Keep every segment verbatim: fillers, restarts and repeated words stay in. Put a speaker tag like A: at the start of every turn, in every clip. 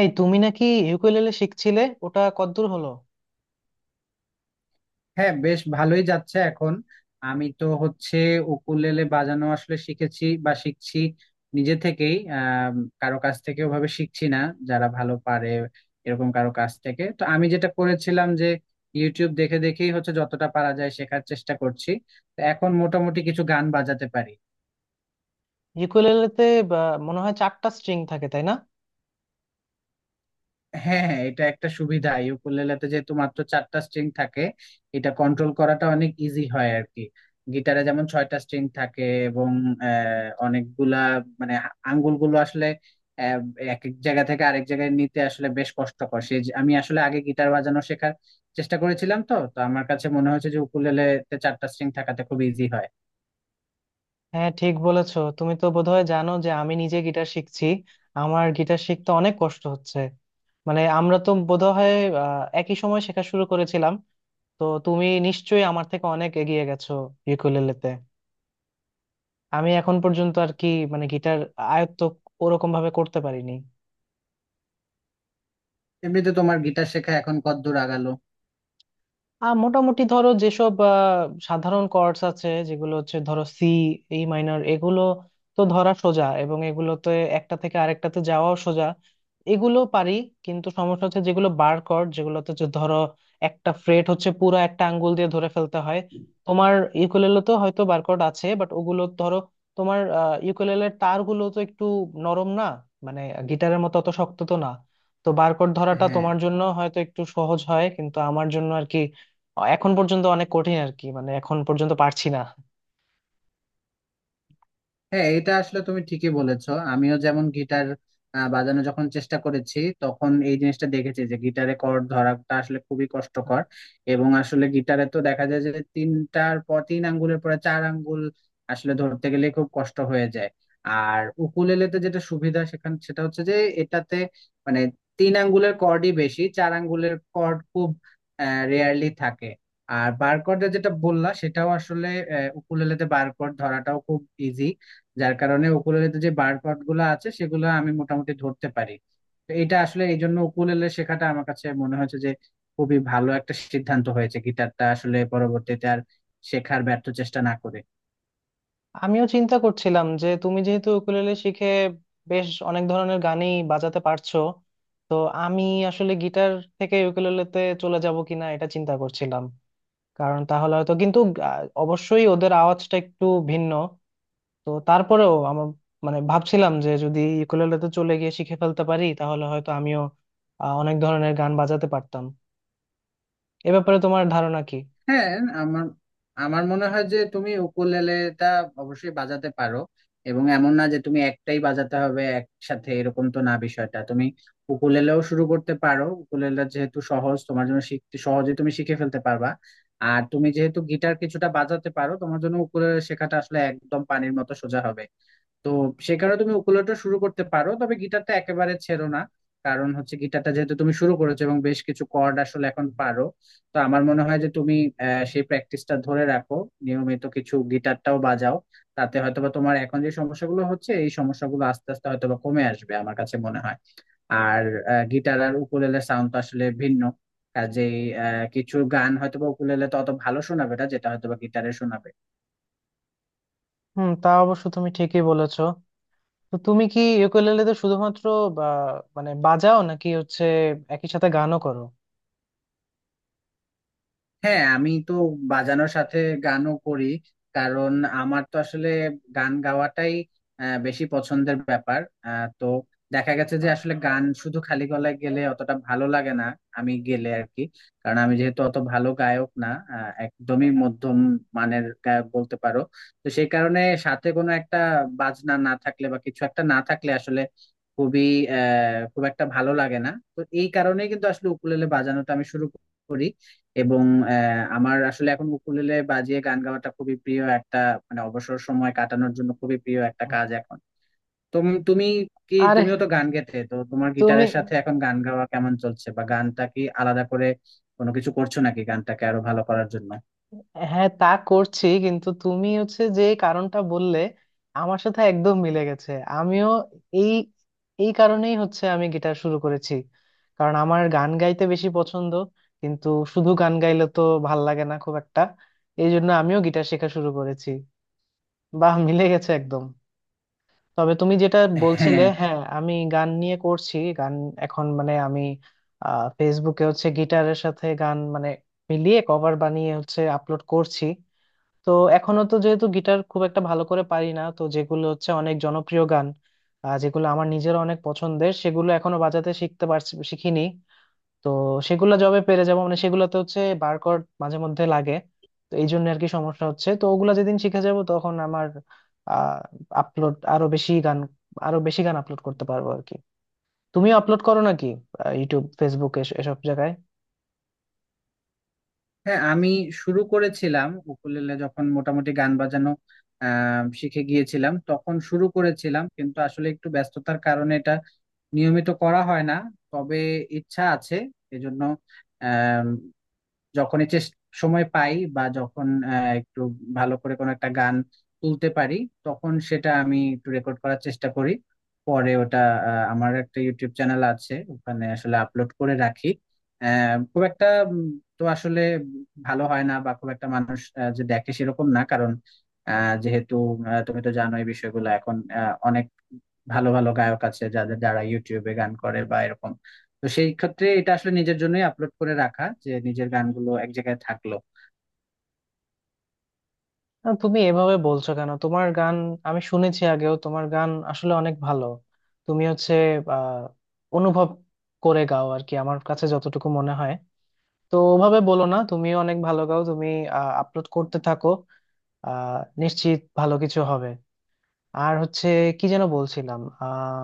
A: এই তুমি নাকি ইউকুলেলে শিখছিলে? ওটা কতদূর হলো?
B: হ্যাঁ, বেশ ভালোই যাচ্ছে এখন। আমি তো হচ্ছে উকুলেলে বাজানো আসলে শিখেছি বা শিখছি নিজে থেকেই, আহ কারো কাছ থেকে ওভাবে শিখছি না। যারা ভালো পারে এরকম কারো কাছ থেকে, তো আমি যেটা করেছিলাম যে ইউটিউব দেখে দেখেই হচ্ছে যতটা পারা যায় শেখার চেষ্টা করছি। তো এখন মোটামুটি কিছু গান বাজাতে পারি।
A: ইউকুলেলেতে, বা, মনে হয় চারটা স্ট্রিং থাকে, তাই না?
B: হ্যাঁ হ্যাঁ, এটা একটা সুবিধা ইউকুলেলেতে যেহেতু মাত্র চারটা স্ট্রিং থাকে, এটা কন্ট্রোল করাটা অনেক ইজি হয় আর কি। গিটারে যেমন ছয়টা স্ট্রিং থাকে এবং আহ, অনেকগুলা, মানে হা- আঙ্গুলগুলো আসলে আহ, এক এক জায়গা থেকে আরেক জায়গায় নিতে আসলে বেশ কষ্টকর। সেই যে- আমি আসলে আগে গিটার বাজানো শেখার চেষ্টা করেছিলাম, তো তো আমার কাছে মনে হয়েছে যে উকুলেলেতে চারটা স্ট্রিং থাকাতে খুব ইজি হয়।
A: হ্যাঁ, ঠিক বলেছো। তুমি তো বোধহয় জানো যে আমি নিজে গিটার শিখছি। আমার গিটার শিখতে অনেক কষ্ট হচ্ছে। মানে আমরা তো বোধহয় আহ, একই সময় শেখা শুরু করেছিলাম। তো তুমি নিশ্চয়ই আমার থেকে অনেক এগিয়ে গেছো ইউকুলেলেতে। আমি এখন পর্যন্ত আর কি মানে গিটার আয়ত্ত ওরকম ভাবে করতে পারিনি।
B: এমনিতে তোমার গিটার শেখা এখন কতদূর আগালো?
A: আহ মোটামুটি ধরো যেসব আহ, সাধারণ কর্ডস আছে যেগুলো হচ্ছে ধরো সি, ই মাইনর, এগুলো তো ধরা সোজা, এবং এগুলোতে একটা থেকে আরেকটাতে যাওয়াও সোজা। এগুলো পারি। কিন্তু সমস্যা হচ্ছে যেগুলো বার কর্ড, যেগুলোতে হচ্ছে ধরো একটা ফ্রেট হচ্ছে পুরো একটা আঙ্গুল দিয়ে ধরে ফেলতে হয়। তোমার ইউকুলেলে তো হয়তো বার কর্ড আছে, বাট ওগুলো ধরো তোমার ইউকুলেলের তারগুলো তো একটু নরম না? মানে গিটারের মতো অত শক্ত তো না। তো বারকোড ধরাটা
B: হ্যাঁ
A: তোমার জন্য হয়তো একটু সহজ হয় কিন্তু আমার জন্য এখন পর্যন্ত অনেক কঠিন আর কি। মানে এখন পর্যন্ত পারছি না।
B: হ্যাঁ, এটা আসলে তুমি ঠিকই বলেছো। আমিও যেমন গিটার আহ, বাজানো যখন চেষ্টা করেছি তখন এই জিনিসটা দেখেছি যে গিটারে কর্ড ধরাটা আসলে খুবই কষ্টকর, এবং আসলে গিটারে তো দেখা যায় যে তিনটার পর, তিন আঙ্গুলের পরে চার আঙ্গুল আসলে ধরতে গেলে খুব কষ্ট হয়ে যায়। আর উকুলেলেতে যেটা সুবিধা সেখান সেটা হচ্ছে যে এটাতে মানে তিন আঙ্গুলের কর্ডই বেশি, চার আঙ্গুলের কর্ড খুব রেয়ারলি থাকে। আর বারকোডে যেটা বললা সেটাও আসলে আহ, উকুলেলেতে বারকোড ধরাটাও খুব ইজি, যার কারণে উকুলেলেতে যে বার্ড পার্ট গুলো আছে সেগুলো আমি মোটামুটি ধরতে পারি। তো এটা আসলে এই জন্য উকুলেলে শেখাটা আমার কাছে মনে হয়েছে যে খুবই ভালো একটা সিদ্ধান্ত হয়েছে, গিটারটা আসলে পরবর্তীতে আর শেখার ব্যর্থ চেষ্টা না করে।
A: আমিও চিন্তা করছিলাম যে তুমি যেহেতু উকুলেলে শিখে বেশ অনেক ধরনের গানই বাজাতে পারছো, তো আমি আসলে গিটার থেকে উকুলেলেতে চলে যাব কিনা এটা চিন্তা করছিলাম। কারণ তাহলে হয়তো কিন্তু আহ, অবশ্যই ওদের আওয়াজটা একটু ভিন্ন। তো তারপরেও আমার মানে ভাবছিলাম যে যদি উকুলেলেতে চলে গিয়ে শিখে ফেলতে পারি তাহলে হয়তো আমিও আহ, অনেক ধরনের গান বাজাতে পারতাম। এ ব্যাপারে তোমার ধারণা কি?
B: হ্যাঁ, আমার আমার মনে হয় যে তুমি উকুলেলেটা অবশ্যই বাজাতে পারো, এবং এমন না যে তুমি একটাই বাজাতে হবে, একসাথে এরকম তো না বিষয়টা। তুমি উকুলেলেও শুরু করতে পারো, উকুলেলে যেহেতু সহজ তোমার জন্য শিখতে, সহজে তুমি শিখে ফেলতে পারবা। আর তুমি যেহেতু গিটার কিছুটা বাজাতে পারো তোমার জন্য উকুলেলে শেখাটা আসলে একদম পানির মতো সোজা হবে। তো সে কারণে তুমি উকুলেলেটা শুরু করতে পারো, তবে গিটারটা একেবারে ছেড়ো না। কারণ হচ্ছে গিটারটা যেহেতু তুমি শুরু করেছো এবং বেশ কিছু কর্ড আসলে এখন পারো। তো আমার মনে হয় যে তুমি আহ, সেই প্র্যাকটিসটা ধরে রাখো, নিয়মিত কিছু গিটারটাও বাজাও। তাতে হয়তোবা তোমার এখন যে সমস্যাগুলো হচ্ছে এই সমস্যাগুলো আস্তে আস্তে হয়তোবা কমে আসবে আমার কাছে মনে হয়। আর গিটার আর উকুলেলের সাউন্ড তো আসলে ভিন্ন, কাজেই আহ, কিছু গান হয়তোবা উকুলেলে তো অত ভালো শোনাবে না যেটা হয়তোবা গিটারে শোনাবে।
A: হুম, তা অবশ্য তুমি ঠিকই বলেছো। তো তুমি কি ইউকুলেলেতে শুধুমাত্র বা মানে বাজাও নাকি হচ্ছে একই সাথে গানও করো?
B: হ্যাঁ, আমি তো বাজানোর সাথে গানও করি, কারণ আমার তো আসলে গান গাওয়াটাই আহ, বেশি পছন্দের ব্যাপার। আহ, তো দেখা গেছে যে
A: আ-
B: আসলে গান শুধু খালি গলায় গেলে অতটা ভালো লাগে না, আমি গেলে আর কি। কারণ আমি যেহেতু অত ভালো গায়ক না, আহ, একদমই মধ্যম মানের গায়ক বলতে পারো। তো সেই কারণে সাথে কোনো একটা বাজনা না থাকলে বা কিছু একটা না থাকলে আসলে খুবই আহ খুব একটা ভালো লাগে না। তো এই কারণেই কিন্তু আসলে উকুলেলে বাজানোটা আমি শুরু করি, এবং আহ, আমার আসলে এখন উকুলেলে বাজিয়ে গান গাওয়াটা খুবই প্রিয় একটা, মানে অবসর সময় কাটানোর জন্য খুবই প্রিয় একটা কাজ এখন। তো তুমি কি,
A: আরে
B: তুমিও তো গান গেতে, তো তোমার
A: তুমি!
B: গিটারের সাথে এখন গান গাওয়া কেমন চলছে, বা গানটা কি আলাদা করে কোনো কিছু করছো নাকি গানটাকে আরো ভালো করার জন্য?
A: হ্যাঁ তা করছি, কিন্তু তুমি হচ্ছে যে কারণটা বললে আমার সাথে একদম মিলে গেছে। আমিও এই এই কারণেই হচ্ছে আমি গিটার শুরু করেছি। কারণ আমার গান গাইতে বেশি পছন্দ। কিন্তু শুধু গান গাইলে তো ভাল লাগে না খুব একটা। এই জন্য আমিও গিটার শেখা শুরু করেছি। বাহ, মিলে গেছে একদম। তবে তুমি যেটা বলছিলে,
B: হ্যাঁ
A: হ্যাঁ আমি গান নিয়ে করছি। গান এখন মানে আমি আহ, ফেসবুকে হচ্ছে গিটারের সাথে গান মানে মিলিয়ে কভার বানিয়ে হচ্ছে আপলোড করছি। তো এখনো তো যেহেতু গিটার খুব একটা ভালো করে পারি না, তো যেগুলো হচ্ছে অনেক জনপ্রিয় গান, আহ, যেগুলো আমার নিজের অনেক পছন্দের সেগুলো এখনো বাজাতে শিখতে পারছি শিখিনি। তো সেগুলো জবে পেরে যাবো মানে সেগুলোতে হচ্ছে বারকোড মাঝে মধ্যে লাগে। তো এই জন্য আর কি সমস্যা হচ্ছে, তো ওগুলা যেদিন শিখে যাব তখন আমার আহ আপলোড আরো বেশি গান, আরো বেশি গান আপলোড করতে পারবো আর কি। তুমিও আপলোড করো নাকি, আহ, ইউটিউব, ফেসবুক, এস- এসব জায়গায়?
B: হ্যাঁ, আমি শুরু করেছিলাম উকুলেলে যখন মোটামুটি গান বাজানো আহ শিখে গিয়েছিলাম তখন শুরু করেছিলাম, কিন্তু আসলে একটু ব্যস্ততার কারণে এটা নিয়মিত করা হয় না। তবে ইচ্ছা আছে। এজন্য আম, যখনই চেষ্টা সময় পাই বা যখন আহ, একটু ভালো করে কোনো একটা গান তুলতে পারি তখন সেটা আমি একটু রেকর্ড করার চেষ্টা করি। পরে ওটা আহ, আমার একটা ইউটিউব চ্যানেল আছে ওখানে আসলে আপলোড করে রাখি। আহ, খুব একটা উম, তো আসলে ভালো হয় না, বা খুব একটা মানুষ আহ, যে দেখে সেরকম না, কারণ আহ, যেহেতু আহ, তুমি তো জানো এই বিষয়গুলো এখন আহ, অনেক ভালো ভালো গায়ক আছে যাদের, যারা ইউটিউবে গান করে বা এরকম। তো সেই ক্ষেত্রে এটা আসলে নিজের জন্যই আপলোড করে রাখা, যে নিজের গানগুলো এক জায়গায় থাকলো।
A: না, তুমি এভাবে বলছো কেন? তোমার গান আমি শুনেছি আগেও, তোমার গান আসলে অনেক ভালো। তুমি হচ্ছে আহ অনুভব করে গাও আর কি, আমার কাছে যতটুকু মনে হয়। তো ওভাবে বলো না, তুমিও অনেক ভালো গাও। তুমি আপলোড করতে থাকো, আহ নিশ্চিত ভালো কিছু হবে। আর হচ্ছে কি যেন বলছিলাম, আহ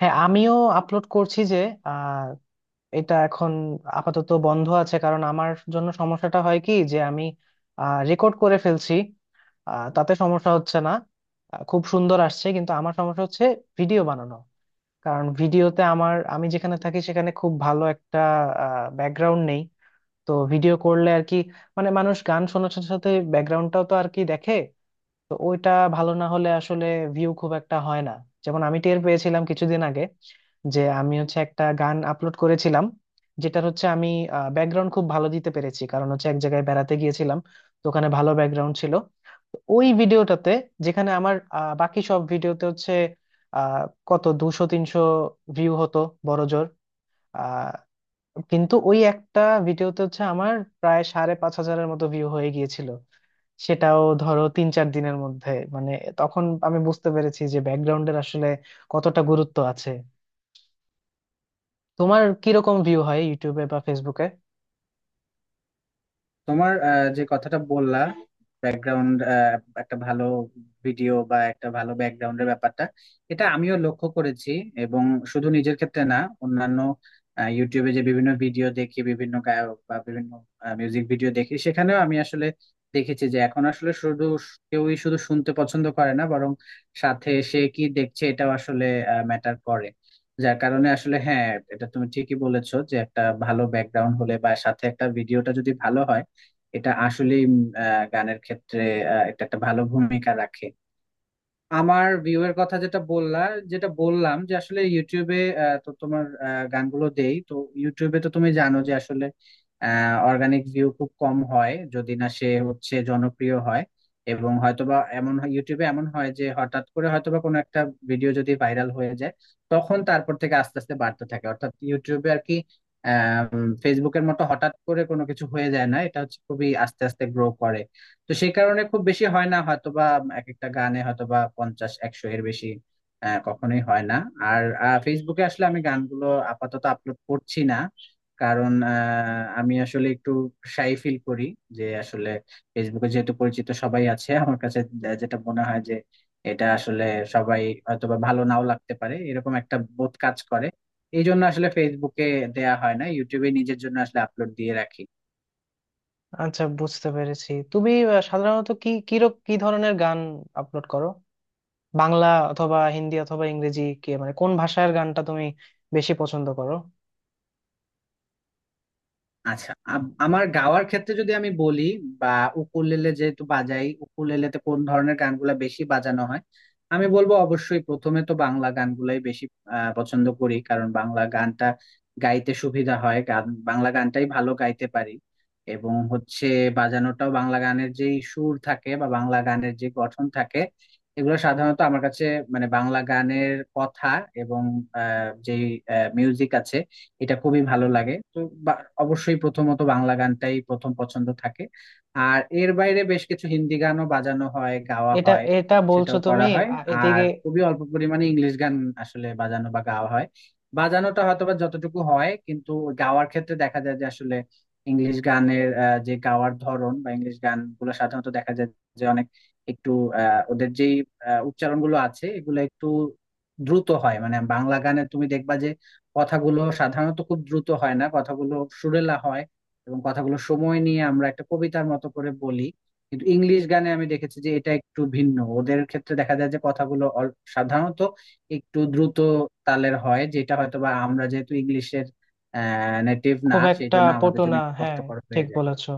A: হ্যাঁ, আমিও আপলোড করছি যে আহ এটা এখন আপাতত বন্ধ আছে। কারণ আমার জন্য সমস্যাটা হয় কি যে আমি রেকর্ড করে ফেলছি, আহ, তাতে সমস্যা হচ্ছে না, আহ, খুব সুন্দর আসছে, কিন্তু আমার সমস্যা হচ্ছে ভিডিও বানানো। কারণ ভিডিওতে আমার, আমি যেখানে থাকি সেখানে খুব ভালো একটা ব্যাকগ্রাউন্ড নেই। তো ভিডিও করলে আর কি মানে মানুষ গান শোনার সাথে সাথে ব্যাকগ্রাউন্ডটাও তো আর কি দেখে। তো ওইটা ভালো না হলে আসলে ভিউ খুব একটা হয় না। যেমন আমি টের পেয়েছিলাম কিছুদিন আগে যে আমি হচ্ছে একটা গান আপলোড করেছিলাম যেটার হচ্ছে আমি ব্যাকগ্রাউন্ড খুব ভালো দিতে পেরেছি, কারণ হচ্ছে এক জায়গায় বেড়াতে গিয়েছিলাম। তো ওখানে ভালো ব্যাকগ্রাউন্ড ছিল। তো ওই ভিডিওটাতে, যেখানে আমার আহ, বাকি সব ভিডিওতে হচ্ছে আহ কত দুশো তিনশো ভিউ হতো বড় জোর, আহ কিন্তু ওই একটা ভিডিওতে হচ্ছে আমার প্রায় সাড়ে পাঁচ হাজারের মতো ভিউ হয়ে গিয়েছিল, সেটাও ধরো তিন চার দিনের মধ্যে। মানে তখন আমি বুঝতে পেরেছি যে ব্যাকগ্রাউন্ডের আসলে কতটা গুরুত্ব আছে। তোমার কিরকম ভিউ হয় ইউটিউবে বা ফেসবুকে?
B: তোমার আহ, যে কথাটা বললা, ব্যাকগ্রাউন্ড, একটা ভালো ভিডিও বা একটা ভালো ব্যাকগ্রাউন্ডের ব্যাপারটা, এটা আমিও লক্ষ্য করেছি। এবং শুধু নিজের ক্ষেত্রে না, অন্যান্য আহ, ইউটিউবে যে বিভিন্ন ভিডিও দেখি, বিভিন্ন গায়ক বা বিভিন্ন মিউজিক ভিডিও দেখি, সেখানেও আমি আসলে দেখেছি যে এখন আসলে শুধু স- কেউই শুধু শুনতে পছন্দ করে না, বরং সাথে সে কি দেখছে এটাও আসলে ম্যাটার করে। যার কারণে আসলে হ্যাঁ, এটা তুমি ঠিকই বলেছো যে একটা ভালো ব্যাকগ্রাউন্ড হলে বা সাথে একটা ভিডিওটা যদি ভালো হয় এটা আসলেই উম, আহ, গানের ক্ষেত্রে আহ, এটা একটা ভালো ভূমিকা রাখে। আমার ভিউ এর কথা যেটা বললা, যেটা বললাম যে আসলে ইউটিউবে আহ, তো তোমার আহ, গানগুলো দেই তো ইউটিউবে, তো তুমি জানো যে আসলে অর্গানিক ভিউ খুব কম হয় যদি না সে হচ্ছে জনপ্রিয় হয়। এবং হয়তোবা এমন হয় ইউটিউবে, এমন হয় যে হঠাৎ করে হয়তোবা কোনো একটা ভিডিও যদি ভাইরাল হয়ে যায় তখন তারপর থেকে আস্তে আস্তে বাড়তে থাকে, অর্থাৎ ইউটিউবে আর কি আহ ফেসবুকের মতো হঠাৎ করে কোনো কিছু হয়ে যায় না, এটা হচ্ছে খুবই আস্তে আস্তে গ্রো করে। তো সেই কারণে খুব বেশি হয় না হয়তোবা, এক একটা গানে হয়তোবা পঞ্চাশ একশো এর বেশি আহ, কখনোই হয় না। আর আহ, ফেসবুকে আসলে আমি গানগুলো আপাতত আপলোড করছি না, কারণ আহ, আমি আসলে একটু শাই ফিল করি। যে আসলে ফেসবুকে যেহেতু পরিচিত সবাই আছে, আমার কাছে যে- যেটা মনে হয় যে এটা আসলে সবাই হয়তোবা ভালো নাও লাগতে পারে, এরকম একটা বোধ কাজ করে। এই জন্য আসলে ফেসবুকে দেয়া হয় না, ইউটিউবে নিজের জন্য আসলে আপলোড দিয়ে রাখি।
A: আচ্ছা, বুঝতে পেরেছি। তুমি আহ, সাধারণত কি কিরক কি ধরনের গান আপলোড করো? বাংলা অথবা হিন্দি অথবা ইংরেজি, কি মানে কোন ভাষার গানটা তুমি বেশি পছন্দ করো?
B: আচ্ছা, আম- আমার গাওয়ার ক্ষেত্রে যদি আমি বলি, বা উকুলেলে যেহেতু বাজাই উকুলেলেতে কোন ধরনের গানগুলা বেশি বাজানো হয়, আমি বলবো অবশ্যই প্রথমে তো বাংলা গানগুলাই বেশি আহ, পছন্দ করি। কারণ বাংলা গানটা গাইতে সুবিধা হয়, গান বাংলা গানটাই ভালো গাইতে পারি। এবং হচ্ছে বাজানোটাও বাংলা গানের যেই সুর থাকে, বা বাংলা গানের যে গঠন থাকে, এগুলো সাধারণত আমার কাছে, মানে বাংলা গানের কথা এবং যে মিউজিক আছে এটা খুবই ভালো লাগে। তো বা- অবশ্যই প্রথমত বাংলা গানটাই প্রথম পছন্দ থাকে। আর এর বাইরে বেশ কিছু হিন্দি গানও বাজানো হয়, গাওয়া
A: এটা
B: হয়,
A: এটা বলছো
B: সেটাও
A: তুমি
B: করা হয়।
A: আ,
B: আর
A: এদিকে।
B: খুবই অল্প পরিমাণে ইংলিশ গান আসলে বাজানো বা গাওয়া হয়। বাজানোটা হয়তো বা যতটুকু হয়, কিন্তু গাওয়ার ক্ষেত্রে দেখা যায় যে আসলে ইংলিশ গানের আহ, যে গাওয়ার ধরন, বা ইংলিশ গানগুলো সাধারণত দেখা যায় যে অনেক একটু আহ, ওদের যেই আহ, উচ্চারণগুলো আছে এগুলো একটু দ্রুত হয়। মানে বাংলা গানে তুমি দেখবা যে কথাগুলো সাধারণত খুব দ্রুত হয় না, কথাগুলো সুরেলা হয়, এবং কথাগুলো সময় নিয়ে আমরা একটা কবিতার মতো করে বলি। কিন্তু ইংলিশ গানে আমি দেখেছি যে এটা একটু ভিন্ন, ওদের ক্ষেত্রে দেখা যায় যে কথাগুলো অল- সাধারণত একটু দ্রুত তালের হয়, যেটা হয়তো বা আমরা যেহেতু ইংলিশের আহ নেটিভ না
A: খুব
B: সেই
A: একটা
B: জন্য আমাদের
A: পটু
B: জন্য
A: না,
B: একটু
A: হ্যাঁ
B: কষ্টকর হয়ে
A: ঠিক
B: যায়।
A: বলেছো।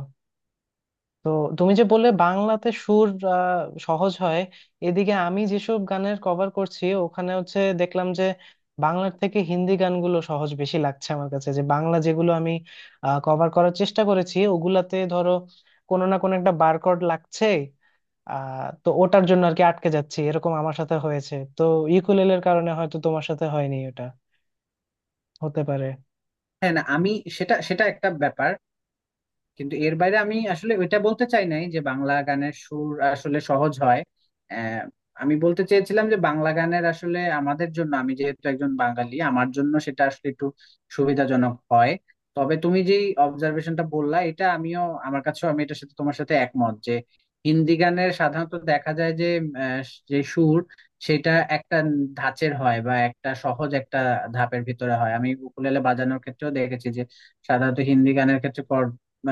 A: তো তুমি যে বললে বাংলাতে সুর আহ, সহজ হয়, এদিকে আমি যেসব গানের কভার করছি ওখানে হচ্ছে দেখলাম যে বাংলার থেকে হিন্দি গানগুলো সহজ বেশি লাগছে আমার কাছে। যে বাংলা যেগুলো আমি কভার করার চেষ্টা করেছি ওগুলাতে ধরো কোনো না কোনো একটা বারকোড লাগছে। আহ তো ওটার জন্য আর কি আটকে যাচ্ছি, এরকম আমার সাথে হয়েছে তো। ইকুলেলের কারণে হয়তো তোমার সাথে হয়নি এটা, হতে পারে।
B: হ্যাঁ না, আমি সেটা সেটা একটা ব্যাপার, কিন্তু এর বাইরে আমি আসলে ওইটা বলতে চাই নাই যে বাংলা গানের সুর আসলে সহজ হয়। আহ, আমি বলতে চেয়েছিলাম যে বাংলা গানের আসলে আমাদের জন্য, আমি যেহেতু একজন বাঙালি আমার জন্য সেটা আসলে একটু সুবিধাজনক হয়। তবে তুমি যে অবজারভেশনটা বললা এটা আমিও, আমার কাছেও আমি এটার সাথে, তোমার সাথে একমত যে হিন্দি গানের সাধারণত দেখা যায় যে আহ, যে সুর সেটা একটা ধাঁচের হয়, বা একটা সহজ একটা ধাপের ভিতরে হয়। আমি উকুলেলে বাজানোর ক্ষেত্রেও দেখেছি যে সাধারণত হিন্দি গানের ক্ষেত্রে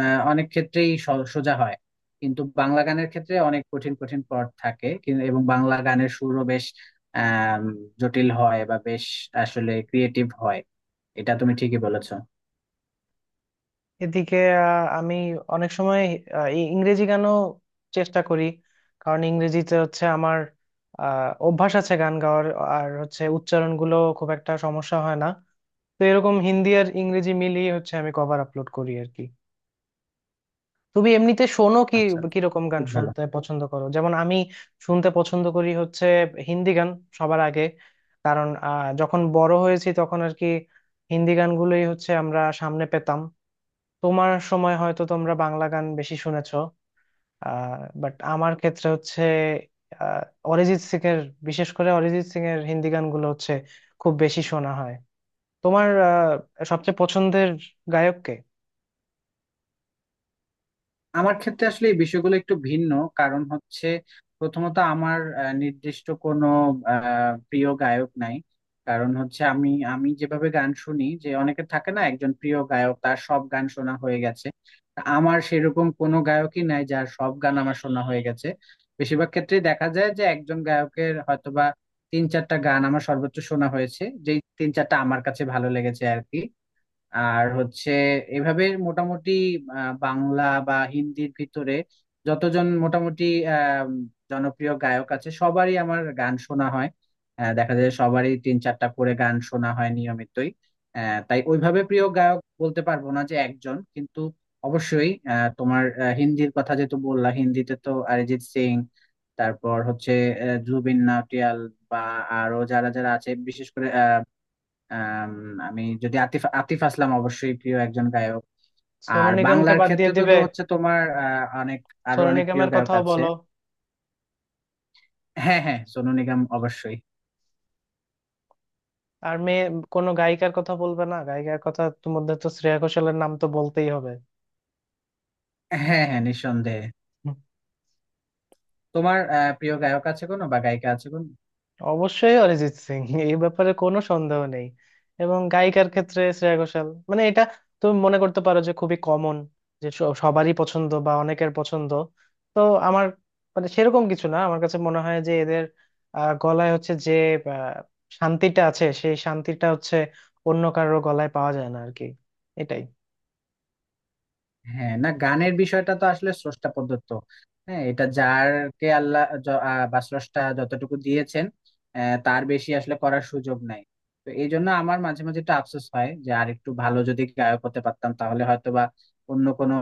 B: আহ, অনেক ক্ষেত্রেই স- সোজা হয়। কিন্তু বাংলা গানের ক্ষেত্রে অনেক কঠিন কঠিন পদ থাকে কিন্তু, এবং বাংলা গানের সুরও বেশ আম, জটিল হয়, বা বেশ আসলে ক্রিয়েটিভ হয়। এটা তুমি ঠিকই বলেছো।
A: এদিকে আহ, আমি অনেক সময় আহ, ই- ইংরেজি গানও চেষ্টা করি। কারণ ইংরেজিতে হচ্ছে আমার আহ, অভ্যাস আছে গান গাওয়ার। আর হচ্ছে উচ্চারণগুলো খুব একটা সমস্যা হয় না। তো এরকম হিন্দি আর ইংরেজি মিলিয়ে হচ্ছে আমি কভার আপলোড করি আর কি। তুমি এমনিতে শোনো কি,
B: আচ্ছা,
A: কিরকম গান
B: খুব ভালো।
A: শুনতে পছন্দ করো? যেমন আমি শুনতে পছন্দ করি হচ্ছে হিন্দি গান সবার আগে। কারণ আহ, যখন বড় হয়েছি তখন আর কি হিন্দি গানগুলোই হচ্ছে আমরা সামনে পেতাম। তোমার সময় হয়তো তোমরা বাংলা গান বেশি শুনেছো। আহ বাট আমার ক্ষেত্রে হচ্ছে আহ, অরিজিৎ সিং এর, বিশেষ করে অরিজিৎ সিং এর হিন্দি গানগুলো হচ্ছে খুব বেশি শোনা হয়। তোমার আহ, সবচেয়ে পছন্দের গায়ক কে?
B: আমার ক্ষেত্রে আসলে এই বিষয়গুলো একটু ভিন্ন, কারণ হচ্ছে প্রথমত আমার আহ, নির্দিষ্ট কোনো আহ, প্রিয় গায়ক নাই। কারণ হচ্ছে আমি আমি যেভাবে গান শুনি, যে অনেকে থাকে না একজন প্রিয় গায়ক তার সব গান শোনা হয়ে গেছে, তা আমার সেরকম কোনো গায়কই নাই যার সব গান আমার শোনা হয়ে গেছে। বেশিরভাগ ক্ষেত্রে দেখা যায় যে একজন গায়কের হয়তোবা তিন চারটা গান আমার সর্বোচ্চ শোনা হয়েছে, যেই তিন চারটা আমার কাছে ভালো লেগেছে আর কি। আর হচ্ছে এভাবে মোটামুটি আহ, বাংলা বা হিন্দির ভিতরে যতজন মোটামুটি আহ, জনপ্রিয় গায়ক আছে সবারই আমার গান শোনা হয়। আহ, দেখা যায় সবারই তিন চারটা করে গান শোনা হয় নিয়মিতই। আহ, তাই ওইভাবে প্রিয় গায়ক বলতে পারবো না যে একজন, কিন্তু অবশ্যই আহ, তোমার আহ, হিন্দির কথা যেহেতু বললা, হিন্দিতে তো অরিজিৎ সিং, তারপর হচ্ছে আহ, জুবিন নটিয়াল, বা আরো যারা যারা আছে বিশেষ করে আম, আমি যদি আতিফ আতিফ আসলাম অবশ্যই প্রিয় একজন গায়ক।
A: সোনু
B: আর
A: নিগমকে
B: বাংলার
A: বাদ দিয়ে
B: ক্ষেত্রে তো
A: দিবে?
B: তো হচ্ছে তোমার আহ, অনেক আরো
A: সোনু
B: অনেক প্রিয়
A: নিগমের
B: গায়ক
A: কথাও
B: আছে।
A: বলো।
B: হ্যাঁ হ্যাঁ, সোনু নিগম অবশ্যই।
A: আর মেয়ে, কোনো গায়িকার কথা বলবে না? গায়িকার কথা তো, মধ্যে তো শ্রেয়া ঘোষালের নাম তো বলতেই হবে।
B: হ্যাঁ হ্যাঁ, নিঃসন্দেহে। তোমার আহ, প্রিয় গায়ক আছে কোনো, বা গায়িকা আছে কোনো?
A: অবশ্যই অরিজিৎ সিং, এই ব্যাপারে কোনো সন্দেহ নেই। এবং গায়িকার ক্ষেত্রে শ্রেয়া ঘোষাল। মানে এটা তুমি মনে করতে পারো যে খুবই কমন, যে স- সবারই পছন্দ বা অনেকের পছন্দ। তো আমার মানে সেরকম কিছু না, আমার কাছে মনে হয় যে এদের আহ, গলায় হচ্ছে যে আহ, শান্তিটা আছে, সেই শান্তিটা হচ্ছে অন্য কারো গলায় পাওয়া যায় না আর কি। এটাই।
B: হ্যাঁ না, গানের বিষয়টা তো আসলে স্রষ্টা প্রদত্ত। হ্যাঁ, এটা যারকে আল্লাহ য- আহ, বা স্রষ্টা যতটুকু দিয়েছেন আহ, তার বেশি আসলে করার সুযোগ নাই। তো এই জন্য আমার মাঝে মাঝে একটু আফসোস হয় যে আর একটু ভালো যদি গায়ক হতে পারতাম তাহলে হয়তো বা অন্য কোনো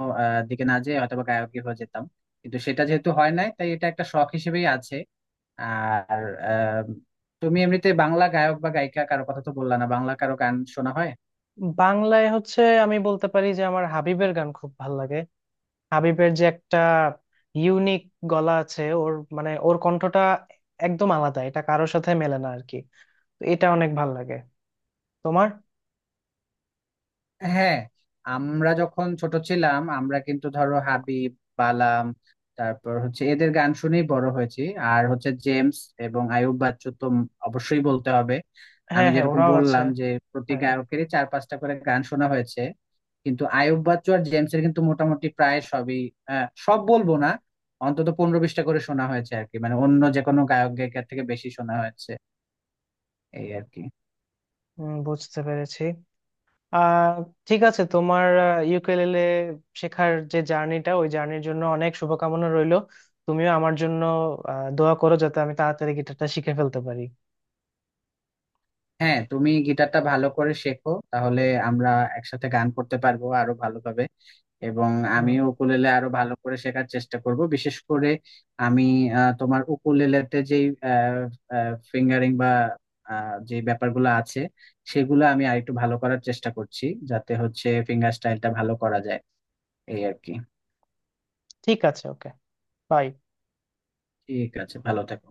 B: আহ, দিকে না যেয়ে হয়তো বা গায়কই হয়ে যেতাম। কিন্তু সেটা যেহেতু হয় নাই তাই এটা একটা শখ হিসেবেই আছে। আর আহ, তুমি এমনিতে বাংলা গায়ক বা গায়িকা কারো কথা তো বললা না, বাংলা কারো গান শোনা হয়?
A: বাংলায় হচ্ছে আমি বলতে পারি যে আমার হাবিবের গান খুব ভালো লাগে। হাবিবের যে একটা ইউনিক গলা আছে ওর, মানে ওর কণ্ঠটা একদম আলাদা, এটা কারোর সাথে মেলে না আর কি। তো এটা অনেক ভাল লাগে। তোমার?
B: হ্যাঁ, আমরা যখন ছোট ছিলাম আমরা কিন্তু ধরো হাবিব, বালাম, তারপর হচ্ছে এদের গান শুনেই বড় হয়েছি। আর হচ্ছে জেমস এবং আয়ুব বাচ্চু তো অবশ্যই বলতে হবে। আমি
A: হ্যাঁ হ্যাঁ,
B: যেরকম
A: ওরাও আছে।
B: বললাম যে প্রতি
A: হ্যাঁ।
B: গায়কেরই চার পাঁচটা করে গান শোনা হয়েছে, কিন্তু আয়ুব বাচ্চু আর জেমসের কিন্তু মোটামুটি প্রায় সবই, আহ, সব বলবো না, অন্তত পনেরো বিশটা করে শোনা হয়েছে আর কি, মানে অন্য যে কোনো গায়ক গায়িকার থেকে বেশি শোনা হয়েছে এই আর কি।
A: উম, বুঝতে পেরেছি। আহ ঠিক আছে। তোমার ইউকেলেলে শেখার যে জার্নিটা, ওই জার্নির জন্য অনেক শুভকামনা রইলো। তুমিও আমার জন্য আহ, দোয়া করো যাতে আমি তাড়াতাড়ি গিটারটা শিখে ফেলতে পারি।
B: হ্যাঁ, তুমি গিটারটা ভালো করে শেখো, তাহলে আমরা একসাথে গান করতে পারবো আরো ভালোভাবে। এবং
A: হুম,
B: আমিও উকুলেলে আরো ভালো করে শেখার চেষ্টা করব, বিশেষ করে আমি আহ, তোমার উকুলেলেতে যে ফিঙ্গারিং বা আহ, যে ব্যাপারগুলো আছে সেগুলো আমি আরেকটু ভালো করার চেষ্টা করছি, যাতে হচ্ছে ফিঙ্গার স্টাইলটা ভালো করা যায় এই আর কি।
A: ঠিক আছে, ওকে, বাই।
B: ঠিক আছে, ভালো থেকো।